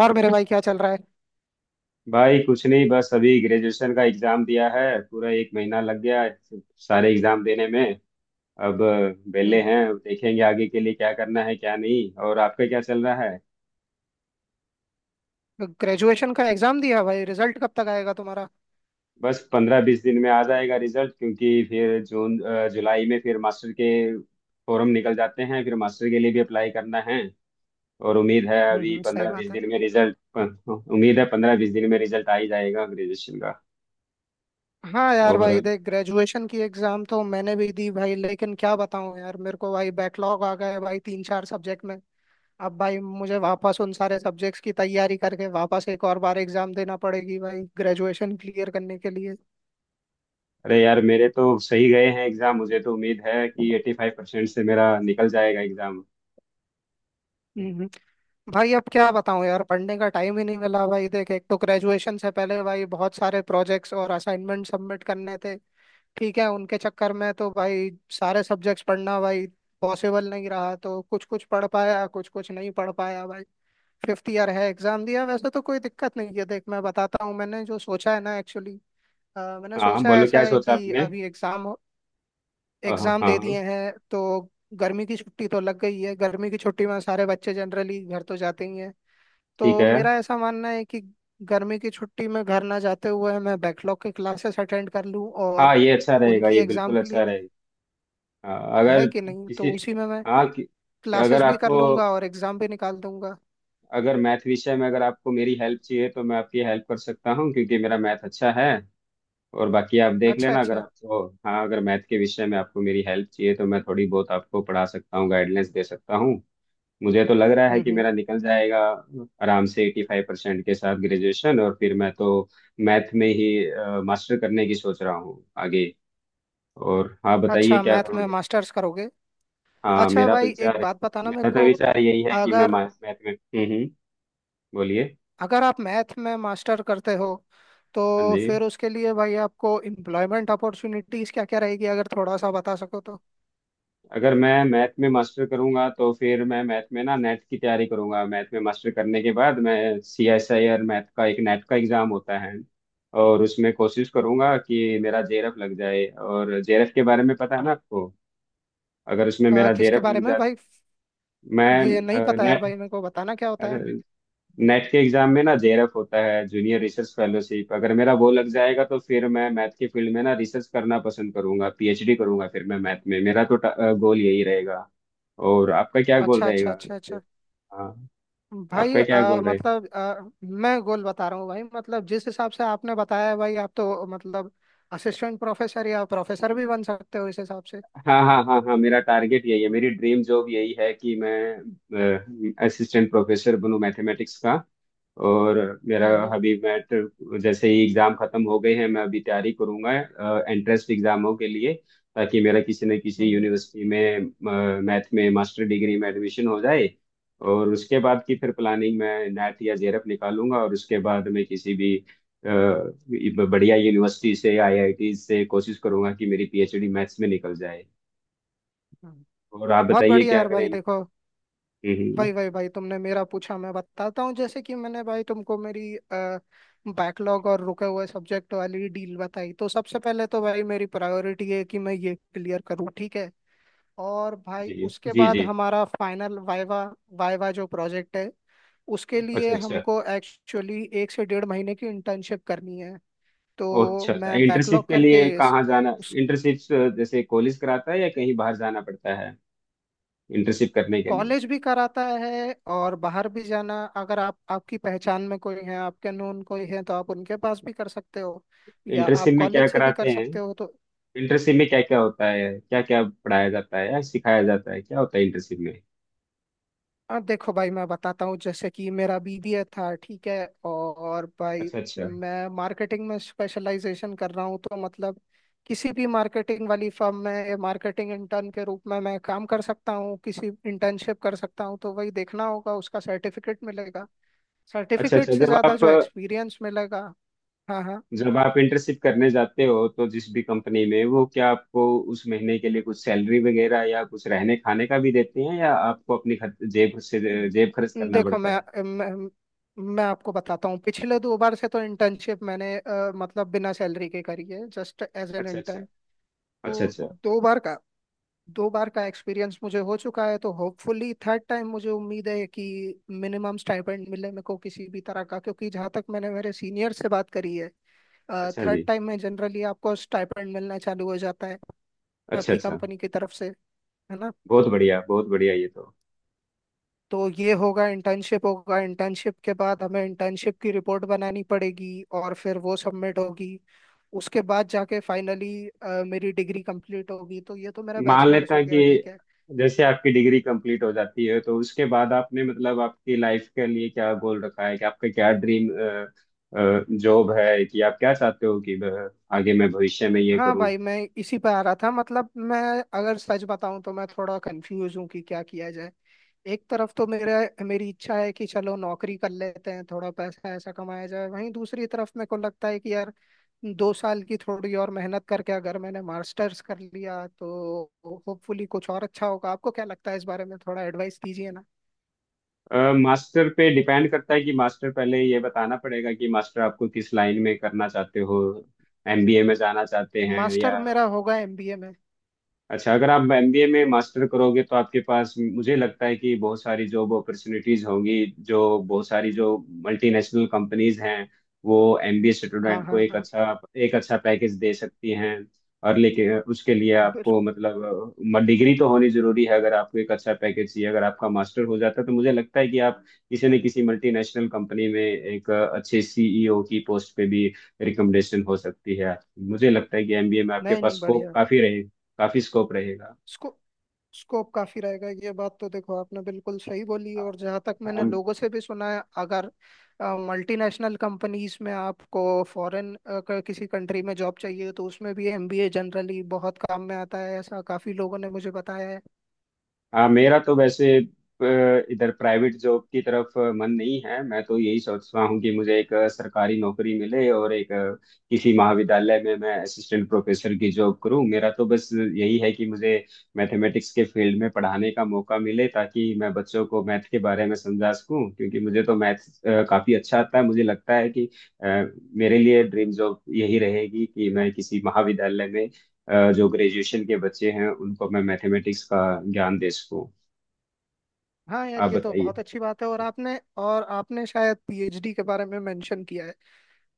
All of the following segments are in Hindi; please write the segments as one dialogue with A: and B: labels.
A: और मेरे भाई क्या चल रहा
B: भाई कुछ नहीं। बस अभी ग्रेजुएशन का एग्जाम दिया है, पूरा एक महीना लग गया है सारे एग्जाम देने में। अब
A: है।
B: वेले हैं, अब देखेंगे आगे के लिए क्या करना है क्या नहीं। और आपका क्या चल रहा है?
A: ग्रेजुएशन का एग्जाम दिया भाई, रिजल्ट कब तक आएगा तुम्हारा?
B: बस 15-20 दिन में आ जाएगा रिजल्ट, क्योंकि फिर जून जुलाई में फिर मास्टर के फॉर्म निकल जाते हैं, फिर मास्टर के लिए भी अप्लाई करना है। और उम्मीद है अभी
A: सही
B: 15-20
A: बात है।
B: दिन में रिजल्ट। उम्मीद है पंद्रह बीस दिन में रिजल्ट आ ही जाएगा ग्रेजुएशन का।
A: हाँ यार भाई
B: और
A: देख, ग्रेजुएशन की एग्जाम तो मैंने भी दी भाई, लेकिन क्या बताऊँ यार, मेरे को भाई बैकलॉग आ गया है भाई, तीन चार सब्जेक्ट में। अब भाई मुझे वापस उन सारे सब्जेक्ट्स की तैयारी करके वापस एक और बार एग्जाम देना पड़ेगी भाई, ग्रेजुएशन क्लियर करने के लिए।
B: अरे यार, मेरे तो सही गए हैं एग्जाम, मुझे तो उम्मीद है कि 85% से मेरा निकल जाएगा एग्जाम।
A: हम्म। भाई अब क्या बताऊं यार, पढ़ने का टाइम ही नहीं मिला भाई, देख एक तो ग्रेजुएशन से पहले भाई बहुत सारे प्रोजेक्ट्स और असाइनमेंट सबमिट करने थे। ठीक है, उनके चक्कर में तो भाई सारे सब्जेक्ट्स पढ़ना भाई पॉसिबल नहीं रहा, तो कुछ कुछ पढ़ पाया कुछ कुछ नहीं पढ़ पाया भाई। फिफ्थ ईयर है, एग्जाम दिया, वैसे तो कोई दिक्कत नहीं है। देख मैं बताता हूँ, मैंने जो सोचा है ना एक्चुअली, मैंने
B: हाँ,
A: सोचा
B: बोलो
A: ऐसा
B: क्या
A: है
B: सोचा
A: कि
B: आपने।
A: अभी एग्जाम
B: हाँ हाँ
A: एग्जाम दे
B: हाँ।
A: दिए हैं तो गर्मी की छुट्टी तो लग गई है, गर्मी की छुट्टी में सारे बच्चे जनरली घर तो जाते ही हैं।
B: ठीक
A: तो
B: है।
A: मेरा ऐसा मानना है कि गर्मी की छुट्टी में घर ना जाते हुए मैं बैकलॉग की क्लासेस अटेंड कर लूँ,
B: हाँ,
A: और
B: ये अच्छा रहेगा,
A: उनकी
B: ये
A: एग्जाम
B: बिल्कुल अच्छा रहेगा। हाँ, अगर
A: है कि नहीं, तो
B: किसी।
A: उसी में मैं
B: हाँ कि अगर
A: क्लासेस भी कर
B: आपको,
A: लूंगा और एग्जाम भी निकाल दूंगा।
B: अगर मैथ विषय में अगर आपको मेरी हेल्प चाहिए तो मैं आपकी हेल्प कर सकता हूँ, क्योंकि मेरा मैथ अच्छा है। और बाकी आप देख
A: अच्छा
B: लेना, अगर
A: अच्छा।
B: आपको हाँ अगर मैथ के विषय में आपको मेरी हेल्प चाहिए तो मैं थोड़ी बहुत आपको पढ़ा सकता हूँ, गाइडलाइंस दे सकता हूँ। मुझे तो लग रहा है कि
A: हम्म।
B: मेरा निकल जाएगा आराम से 85% के साथ ग्रेजुएशन। और फिर मैं तो मैथ में ही मास्टर करने की सोच रहा हूँ आगे। और आप बताइए
A: अच्छा,
B: क्या
A: मैथ में
B: करोगे?
A: मास्टर्स करोगे?
B: हाँ,
A: अच्छा
B: मेरा तो
A: भाई
B: विचार
A: एक
B: है।
A: बात बताना मेरे
B: मेरा तो
A: को,
B: विचार यही है कि मैं
A: अगर
B: मैथ में। बोलिए।
A: अगर आप मैथ में मास्टर करते हो
B: हाँ
A: तो
B: जी।
A: फिर उसके लिए भाई आपको एम्प्लॉयमेंट अपॉर्चुनिटीज क्या क्या रहेगी, अगर थोड़ा सा बता सको तो।
B: अगर मैं मैथ में मास्टर करूंगा तो फिर मैं मैथ में ना नेट की तैयारी करूंगा, मैथ में मास्टर करने के बाद मैं। C S I R math का एक नेट का एग्जाम होता है, और उसमें कोशिश करूंगा कि मेरा जेरफ लग जाए, और जेरफ के बारे में पता है ना आपको। अगर उसमें मेरा
A: किसके
B: जेरफ
A: बारे
B: लग
A: में
B: जाए।
A: भाई,
B: मैं।
A: ये नहीं पता यार भाई, मेरे को बताना क्या होता है।
B: नेट नेट के एग्जाम में ना जेआरएफ होता है, जूनियर रिसर्च फेलोशिप। अगर मेरा वो लग जाएगा तो फिर मैं मैथ के फील्ड में ना रिसर्च करना पसंद करूंगा, पीएचडी करूंगा फिर मैं मैथ में। मेरा तो गोल यही रहेगा। और आपका क्या गोल
A: अच्छा अच्छा
B: रहेगा
A: अच्छा
B: जैसे?
A: अच्छा।
B: हाँ।
A: भाई
B: आपका क्या गोल रहेगा?
A: मतलब मैं गोल बता रहा हूँ भाई, मतलब जिस हिसाब से आपने बताया है भाई, आप तो मतलब असिस्टेंट प्रोफेसर या प्रोफेसर भी बन सकते हो इस हिसाब से।
B: हाँ हाँ हाँ हाँ, मेरा टारगेट यही है, मेरी ड्रीम जॉब यही है कि मैं असिस्टेंट प्रोफेसर बनूं मैथमेटिक्स का। और मेरा
A: हम्म।
B: अभी जैसे ही एग्जाम खत्म हो गए हैं मैं अभी तैयारी करूंगा एंट्रेंस एग्जामों के लिए, ताकि मेरा किसी न किसी
A: हम्म,
B: यूनिवर्सिटी में मैथ में मास्टर डिग्री में एडमिशन हो जाए। और उसके बाद की फिर प्लानिंग, मैं नैट या जेरप निकालूंगा, और उसके बाद मैं किसी भी अ, बढ़िया यूनिवर्सिटी से, आईआईटी से कोशिश करूंगा कि मेरी पीएचडी मैथ्स में निकल जाए।
A: हम्म।
B: और आप
A: बहुत
B: बताइए
A: बढ़िया
B: क्या
A: यार भाई
B: करेंगे?
A: देखो,
B: हम्म।
A: भाई भाई भाई तुमने मेरा पूछा मैं बताता हूँ, जैसे कि मैंने भाई तुमको मेरी बैकलॉग और रुके हुए सब्जेक्ट वाली डील बताई, तो सबसे पहले तो भाई मेरी प्रायोरिटी है कि मैं ये क्लियर करूँ, ठीक है। और भाई
B: जी
A: उसके
B: जी
A: बाद
B: जी।
A: हमारा फाइनल वाइवा वाइवा जो प्रोजेक्ट है उसके
B: अच्छा
A: लिए
B: अच्छा।
A: हमको एक्चुअली एक से डेढ़ महीने की इंटर्नशिप करनी है।
B: ओह,
A: तो
B: अच्छा अच्छा।
A: मैं
B: इंटर्नशिप
A: बैकलॉग
B: के
A: करके
B: लिए कहाँ जाना,
A: उस
B: इंटर्नशिप जैसे कॉलेज कराता है या कहीं बाहर जाना पड़ता है इंटर्नशिप करने के लिए?
A: कॉलेज भी कराता है और बाहर भी जाना, अगर आप आपकी पहचान में कोई है, आपके नून कोई है तो आप उनके पास भी कर सकते हो, या
B: इंटर्नशिप
A: आप
B: में क्या
A: कॉलेज से भी
B: कराते
A: कर
B: हैं?
A: सकते हो तो।
B: इंटर्नशिप में क्या क्या होता है, क्या क्या पढ़ाया जाता है या सिखाया जाता है, क्या होता है इंटर्नशिप में?
A: हाँ देखो भाई मैं बताता हूँ, जैसे कि मेरा बीबीए था, ठीक है। और भाई
B: अच्छा अच्छा
A: मैं मार्केटिंग में स्पेशलाइजेशन कर रहा हूँ, तो मतलब किसी भी मार्केटिंग वाली फर्म में मार्केटिंग इंटर्न के रूप में मैं काम कर सकता हूँ, किसी इंटर्नशिप कर सकता हूँ, तो वही देखना होगा, उसका सर्टिफिकेट मिलेगा,
B: अच्छा
A: सर्टिफिकेट
B: अच्छा।
A: से
B: जब
A: ज़्यादा
B: आप,
A: जो एक्सपीरियंस मिलेगा। हाँ हाँ।
B: जब आप इंटर्नशिप करने जाते हो तो जिस भी कंपनी में, वो क्या आपको उस महीने के लिए कुछ सैलरी वगैरह या कुछ रहने खाने का भी देते हैं, या आपको अपनी जेब से
A: द-
B: जेब खर्च करना
A: देखो
B: पड़ता है?
A: मैं आपको बताता हूँ, पिछले दो बार से तो इंटर्नशिप मैंने मतलब बिना सैलरी के करी है जस्ट एज एन
B: अच्छा अच्छा।
A: इंटर्न।
B: अच्छा
A: तो
B: अच्छा।
A: दो बार का दो बार का एक्सपीरियंस मुझे हो चुका है, तो होपफुली थर्ड टाइम मुझे उम्मीद है कि मिनिमम स्टाइपेंड मिले मेरे को किसी भी तरह का, क्योंकि जहाँ तक मैंने मेरे सीनियर से बात करी है
B: अच्छा
A: थर्ड
B: जी।
A: टाइम में जनरली आपको स्टाइपेंड मिलना चालू हो जाता है
B: अच्छा
A: आपकी
B: अच्छा।
A: कंपनी की तरफ से, है ना।
B: बहुत बढ़िया, बहुत बढ़िया, ये तो।
A: तो ये होगा इंटर्नशिप, होगा इंटर्नशिप के बाद हमें इंटर्नशिप की रिपोर्ट बनानी पड़ेगी और फिर वो सबमिट होगी, उसके बाद जाके फाइनली मेरी डिग्री कंप्लीट होगी। तो ये तो मेरा
B: मान लेता
A: बैचलर्स हो
B: हूं
A: गया, ठीक
B: कि
A: है।
B: जैसे आपकी डिग्री कंप्लीट हो जाती है तो उसके बाद आपने मतलब आपकी लाइफ के लिए क्या गोल रखा है, कि आपका क्या ड्रीम जॉब है, कि आप क्या चाहते हो कि आगे मैं भविष्य में ये
A: हाँ
B: करूं?
A: भाई मैं इसी पे आ रहा था, मतलब मैं अगर सच बताऊं तो मैं थोड़ा कंफ्यूज हूँ कि क्या किया जाए। एक तरफ तो मेरा मेरी इच्छा है कि चलो नौकरी कर लेते हैं, थोड़ा पैसा ऐसा कमाया जाए, वहीं दूसरी तरफ मेरे को लगता है कि यार 2 साल की थोड़ी और मेहनत करके अगर मैंने मास्टर्स कर लिया तो होपफुली कुछ और अच्छा होगा। आपको क्या लगता है इस बारे में, थोड़ा एडवाइस दीजिए ना।
B: मास्टर पे डिपेंड करता है कि मास्टर, पहले ये बताना पड़ेगा कि मास्टर आपको किस लाइन में करना चाहते हो, एमबीए में जाना चाहते हैं या?
A: मास्टर मेरा होगा एमबीए में।
B: अच्छा, अगर आप एमबीए में मास्टर करोगे तो आपके पास मुझे लगता है कि बहुत सारी जॉब अपॉर्चुनिटीज होंगी। जो, बहुत सारी जो मल्टीनेशनल कंपनीज हैं, वो एमबीए
A: हाँ
B: स्टूडेंट को
A: हाँ
B: एक
A: हाँ।
B: अच्छा, एक अच्छा पैकेज दे सकती हैं। और लेकिन उसके लिए
A: बिल-
B: आपको मतलब डिग्री तो होनी जरूरी है। अगर आपको एक अच्छा पैकेज चाहिए, अगर आपका मास्टर हो जाता है तो मुझे लगता है कि आप किसी न किसी मल्टीनेशनल कंपनी में एक अच्छे सीईओ की पोस्ट पे भी रिकमेंडेशन हो सकती है। मुझे लगता है कि एमबीए में आपके
A: नहीं
B: पास
A: नहीं,
B: स्कोप
A: बढ़िया।
B: काफी, काफी स्कोप रहेगा।
A: स्कू, स्कोप काफी रहेगा, ये बात तो देखो आपने बिल्कुल सही बोली। और जहाँ तक मैंने
B: हम।
A: लोगों से भी सुना है, अगर मल्टीनेशनल कंपनीज में आपको फॉरेन किसी कंट्री में जॉब चाहिए तो उसमें भी एमबीए जनरली बहुत काम में आता है, ऐसा काफी लोगों ने मुझे बताया है।
B: हाँ, मेरा तो वैसे इधर प्राइवेट जॉब की तरफ मन नहीं है, मैं तो यही सोच रहा हूँ कि मुझे एक सरकारी नौकरी मिले और एक किसी महाविद्यालय में मैं असिस्टेंट प्रोफेसर की जॉब करूँ। मेरा तो बस यही है कि मुझे मैथमेटिक्स के फील्ड में पढ़ाने का मौका मिले, ताकि मैं बच्चों को मैथ के बारे में समझा सकूँ, क्योंकि मुझे तो मैथ काफी अच्छा आता है। मुझे लगता है कि अ, मेरे लिए ड्रीम जॉब यही रहेगी कि मैं किसी महाविद्यालय में, जो ग्रेजुएशन के बच्चे हैं उनको मैं मैथमेटिक्स का ज्ञान दे सकूँ।
A: हाँ यार
B: आप
A: ये तो
B: बताइए।
A: बहुत अच्छी बात है। और आपने शायद पीएचडी के बारे में मेंशन किया है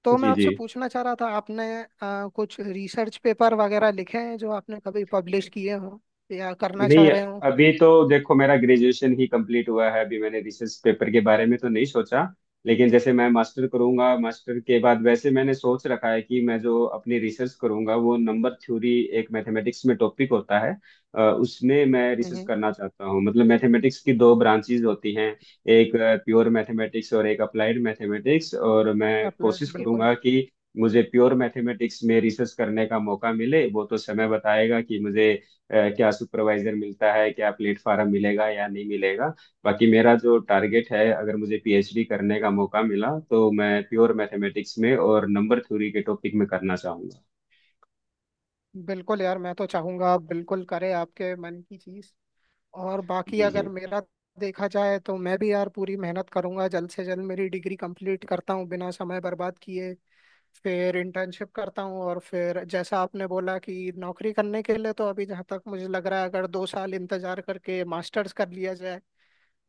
A: तो मैं
B: जी जी।
A: आपसे पूछना चाह रहा था, आपने कुछ रिसर्च पेपर वगैरह लिखे हैं जो आपने कभी पब्लिश किए हों, या करना चाह
B: नहीं,
A: रहे हो।
B: अभी तो देखो मेरा ग्रेजुएशन ही कंप्लीट हुआ है, अभी मैंने रिसर्च पेपर के बारे में तो नहीं सोचा, लेकिन जैसे मैं मास्टर करूंगा मास्टर के बाद वैसे मैंने सोच रखा है कि मैं जो अपनी रिसर्च करूंगा वो नंबर थ्योरी, एक मैथमेटिक्स में टॉपिक होता है, उसमें मैं रिसर्च करना चाहता हूँ। मतलब मैथमेटिक्स की दो ब्रांचेज होती हैं, एक प्योर मैथमेटिक्स और एक अप्लाइड मैथमेटिक्स, और मैं
A: अप्लाइड
B: कोशिश
A: बिल्कुल।
B: करूंगा कि मुझे प्योर मैथमेटिक्स में रिसर्च करने का मौका मिले। वो तो समय बताएगा कि मुझे क्या सुपरवाइजर मिलता है, क्या प्लेटफॉर्म मिलेगा या नहीं मिलेगा। बाकी मेरा जो टारगेट है, अगर मुझे पीएचडी करने का मौका मिला तो मैं प्योर मैथमेटिक्स में और नंबर थ्योरी के टॉपिक में करना चाहूंगा।
A: बिल्कुल यार, मैं तो चाहूंगा आप बिल्कुल करें आपके मन की चीज। और बाकी
B: जी जी।
A: अगर मेरा देखा जाए तो मैं भी यार पूरी मेहनत करूंगा, जल्द से जल्द मेरी डिग्री कंप्लीट करता हूँ बिना समय बर्बाद किए। फिर इंटर्नशिप करता हूँ और फिर जैसा आपने बोला कि नौकरी करने के लिए, तो अभी जहाँ तक मुझे लग रहा है अगर 2 साल इंतजार करके मास्टर्स कर लिया जाए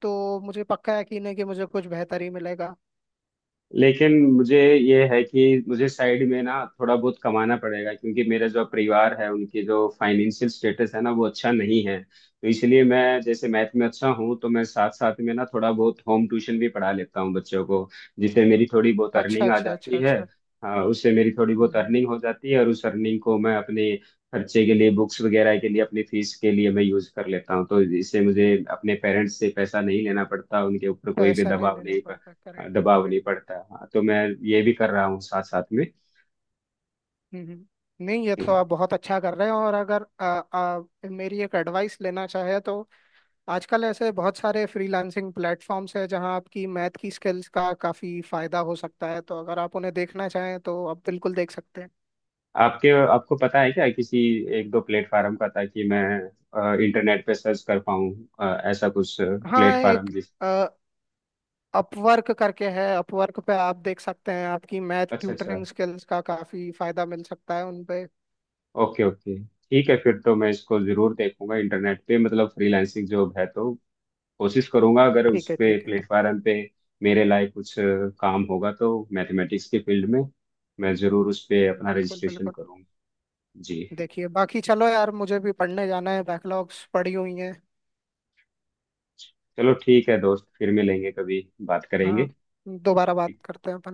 A: तो मुझे पक्का यकीन है कि मुझे कुछ बेहतर ही मिलेगा।
B: लेकिन मुझे ये है कि मुझे साइड में ना थोड़ा बहुत कमाना पड़ेगा, क्योंकि मेरा जो परिवार है उनकी जो फाइनेंशियल स्टेटस है ना वो अच्छा नहीं है, तो इसलिए मैं, जैसे मैथ में अच्छा हूँ तो मैं साथ साथ में ना थोड़ा बहुत होम ट्यूशन भी पढ़ा लेता हूँ बच्चों को, जिससे मेरी थोड़ी बहुत
A: अच्छा
B: अर्निंग आ
A: अच्छा
B: जाती
A: अच्छा
B: है।
A: अच्छा।
B: हाँ, उससे मेरी थोड़ी
A: हम्म
B: बहुत
A: हम्म।
B: अर्निंग हो जाती है और उस अर्निंग को मैं अपने खर्चे के लिए, बुक्स वगैरह के लिए, अपनी फीस के लिए मैं यूज कर लेता हूँ, तो इससे मुझे अपने पेरेंट्स से पैसा नहीं लेना पड़ता, उनके ऊपर कोई भी
A: पैसा नहीं
B: दबाव
A: देना
B: नहीं,
A: पड़ता, करेक्ट
B: दबाव
A: करेक्ट।
B: नहीं पड़ता। हाँ, तो मैं ये भी कर रहा हूँ साथ साथ में।
A: हम्म, हम्म। नहीं ये तो
B: हम्म।
A: आप बहुत अच्छा कर रहे हैं। और अगर आ, आ, मेरी एक एडवाइस लेना चाहे तो आजकल ऐसे बहुत सारे फ्रीलांसिंग प्लेटफॉर्म्स हैं जहां आपकी मैथ की स्किल्स का काफी फायदा हो सकता है, तो अगर आप उन्हें देखना चाहें तो आप बिल्कुल देख सकते हैं।
B: आपके, आपको पता है क्या किसी एक दो प्लेटफार्म का, ताकि मैं इंटरनेट पे सर्च कर पाऊँ ऐसा कुछ
A: हाँ,
B: प्लेटफार्म
A: एक
B: जिस?
A: अपवर्क करके है, अपवर्क पे आप देख सकते हैं, आपकी मैथ
B: अच्छा अच्छा।
A: ट्यूटरिंग स्किल्स का काफी फायदा मिल सकता है उनपे।
B: Okay okay. ठीक है, फिर तो मैं इसको जरूर देखूंगा इंटरनेट पे, मतलब फ्रीलांसिंग जॉब है तो कोशिश करूंगा, अगर उस
A: ठीक है
B: पे
A: ठीक है ठीक।
B: प्लेटफार्म पे मेरे लायक कुछ काम होगा तो मैथमेटिक्स के फील्ड में मैं जरूर उस पे अपना
A: बिल्कुल
B: रजिस्ट्रेशन
A: बिल्कुल।
B: करूंगा। जी।
A: देखिए बाकी चलो यार मुझे भी पढ़ने जाना है, बैकलॉग्स पड़ी हुई हैं।
B: चलो ठीक है दोस्त, फिर मिलेंगे कभी, बात
A: हाँ,
B: करेंगे।
A: दोबारा बात
B: ठीक
A: करते हैं अपन।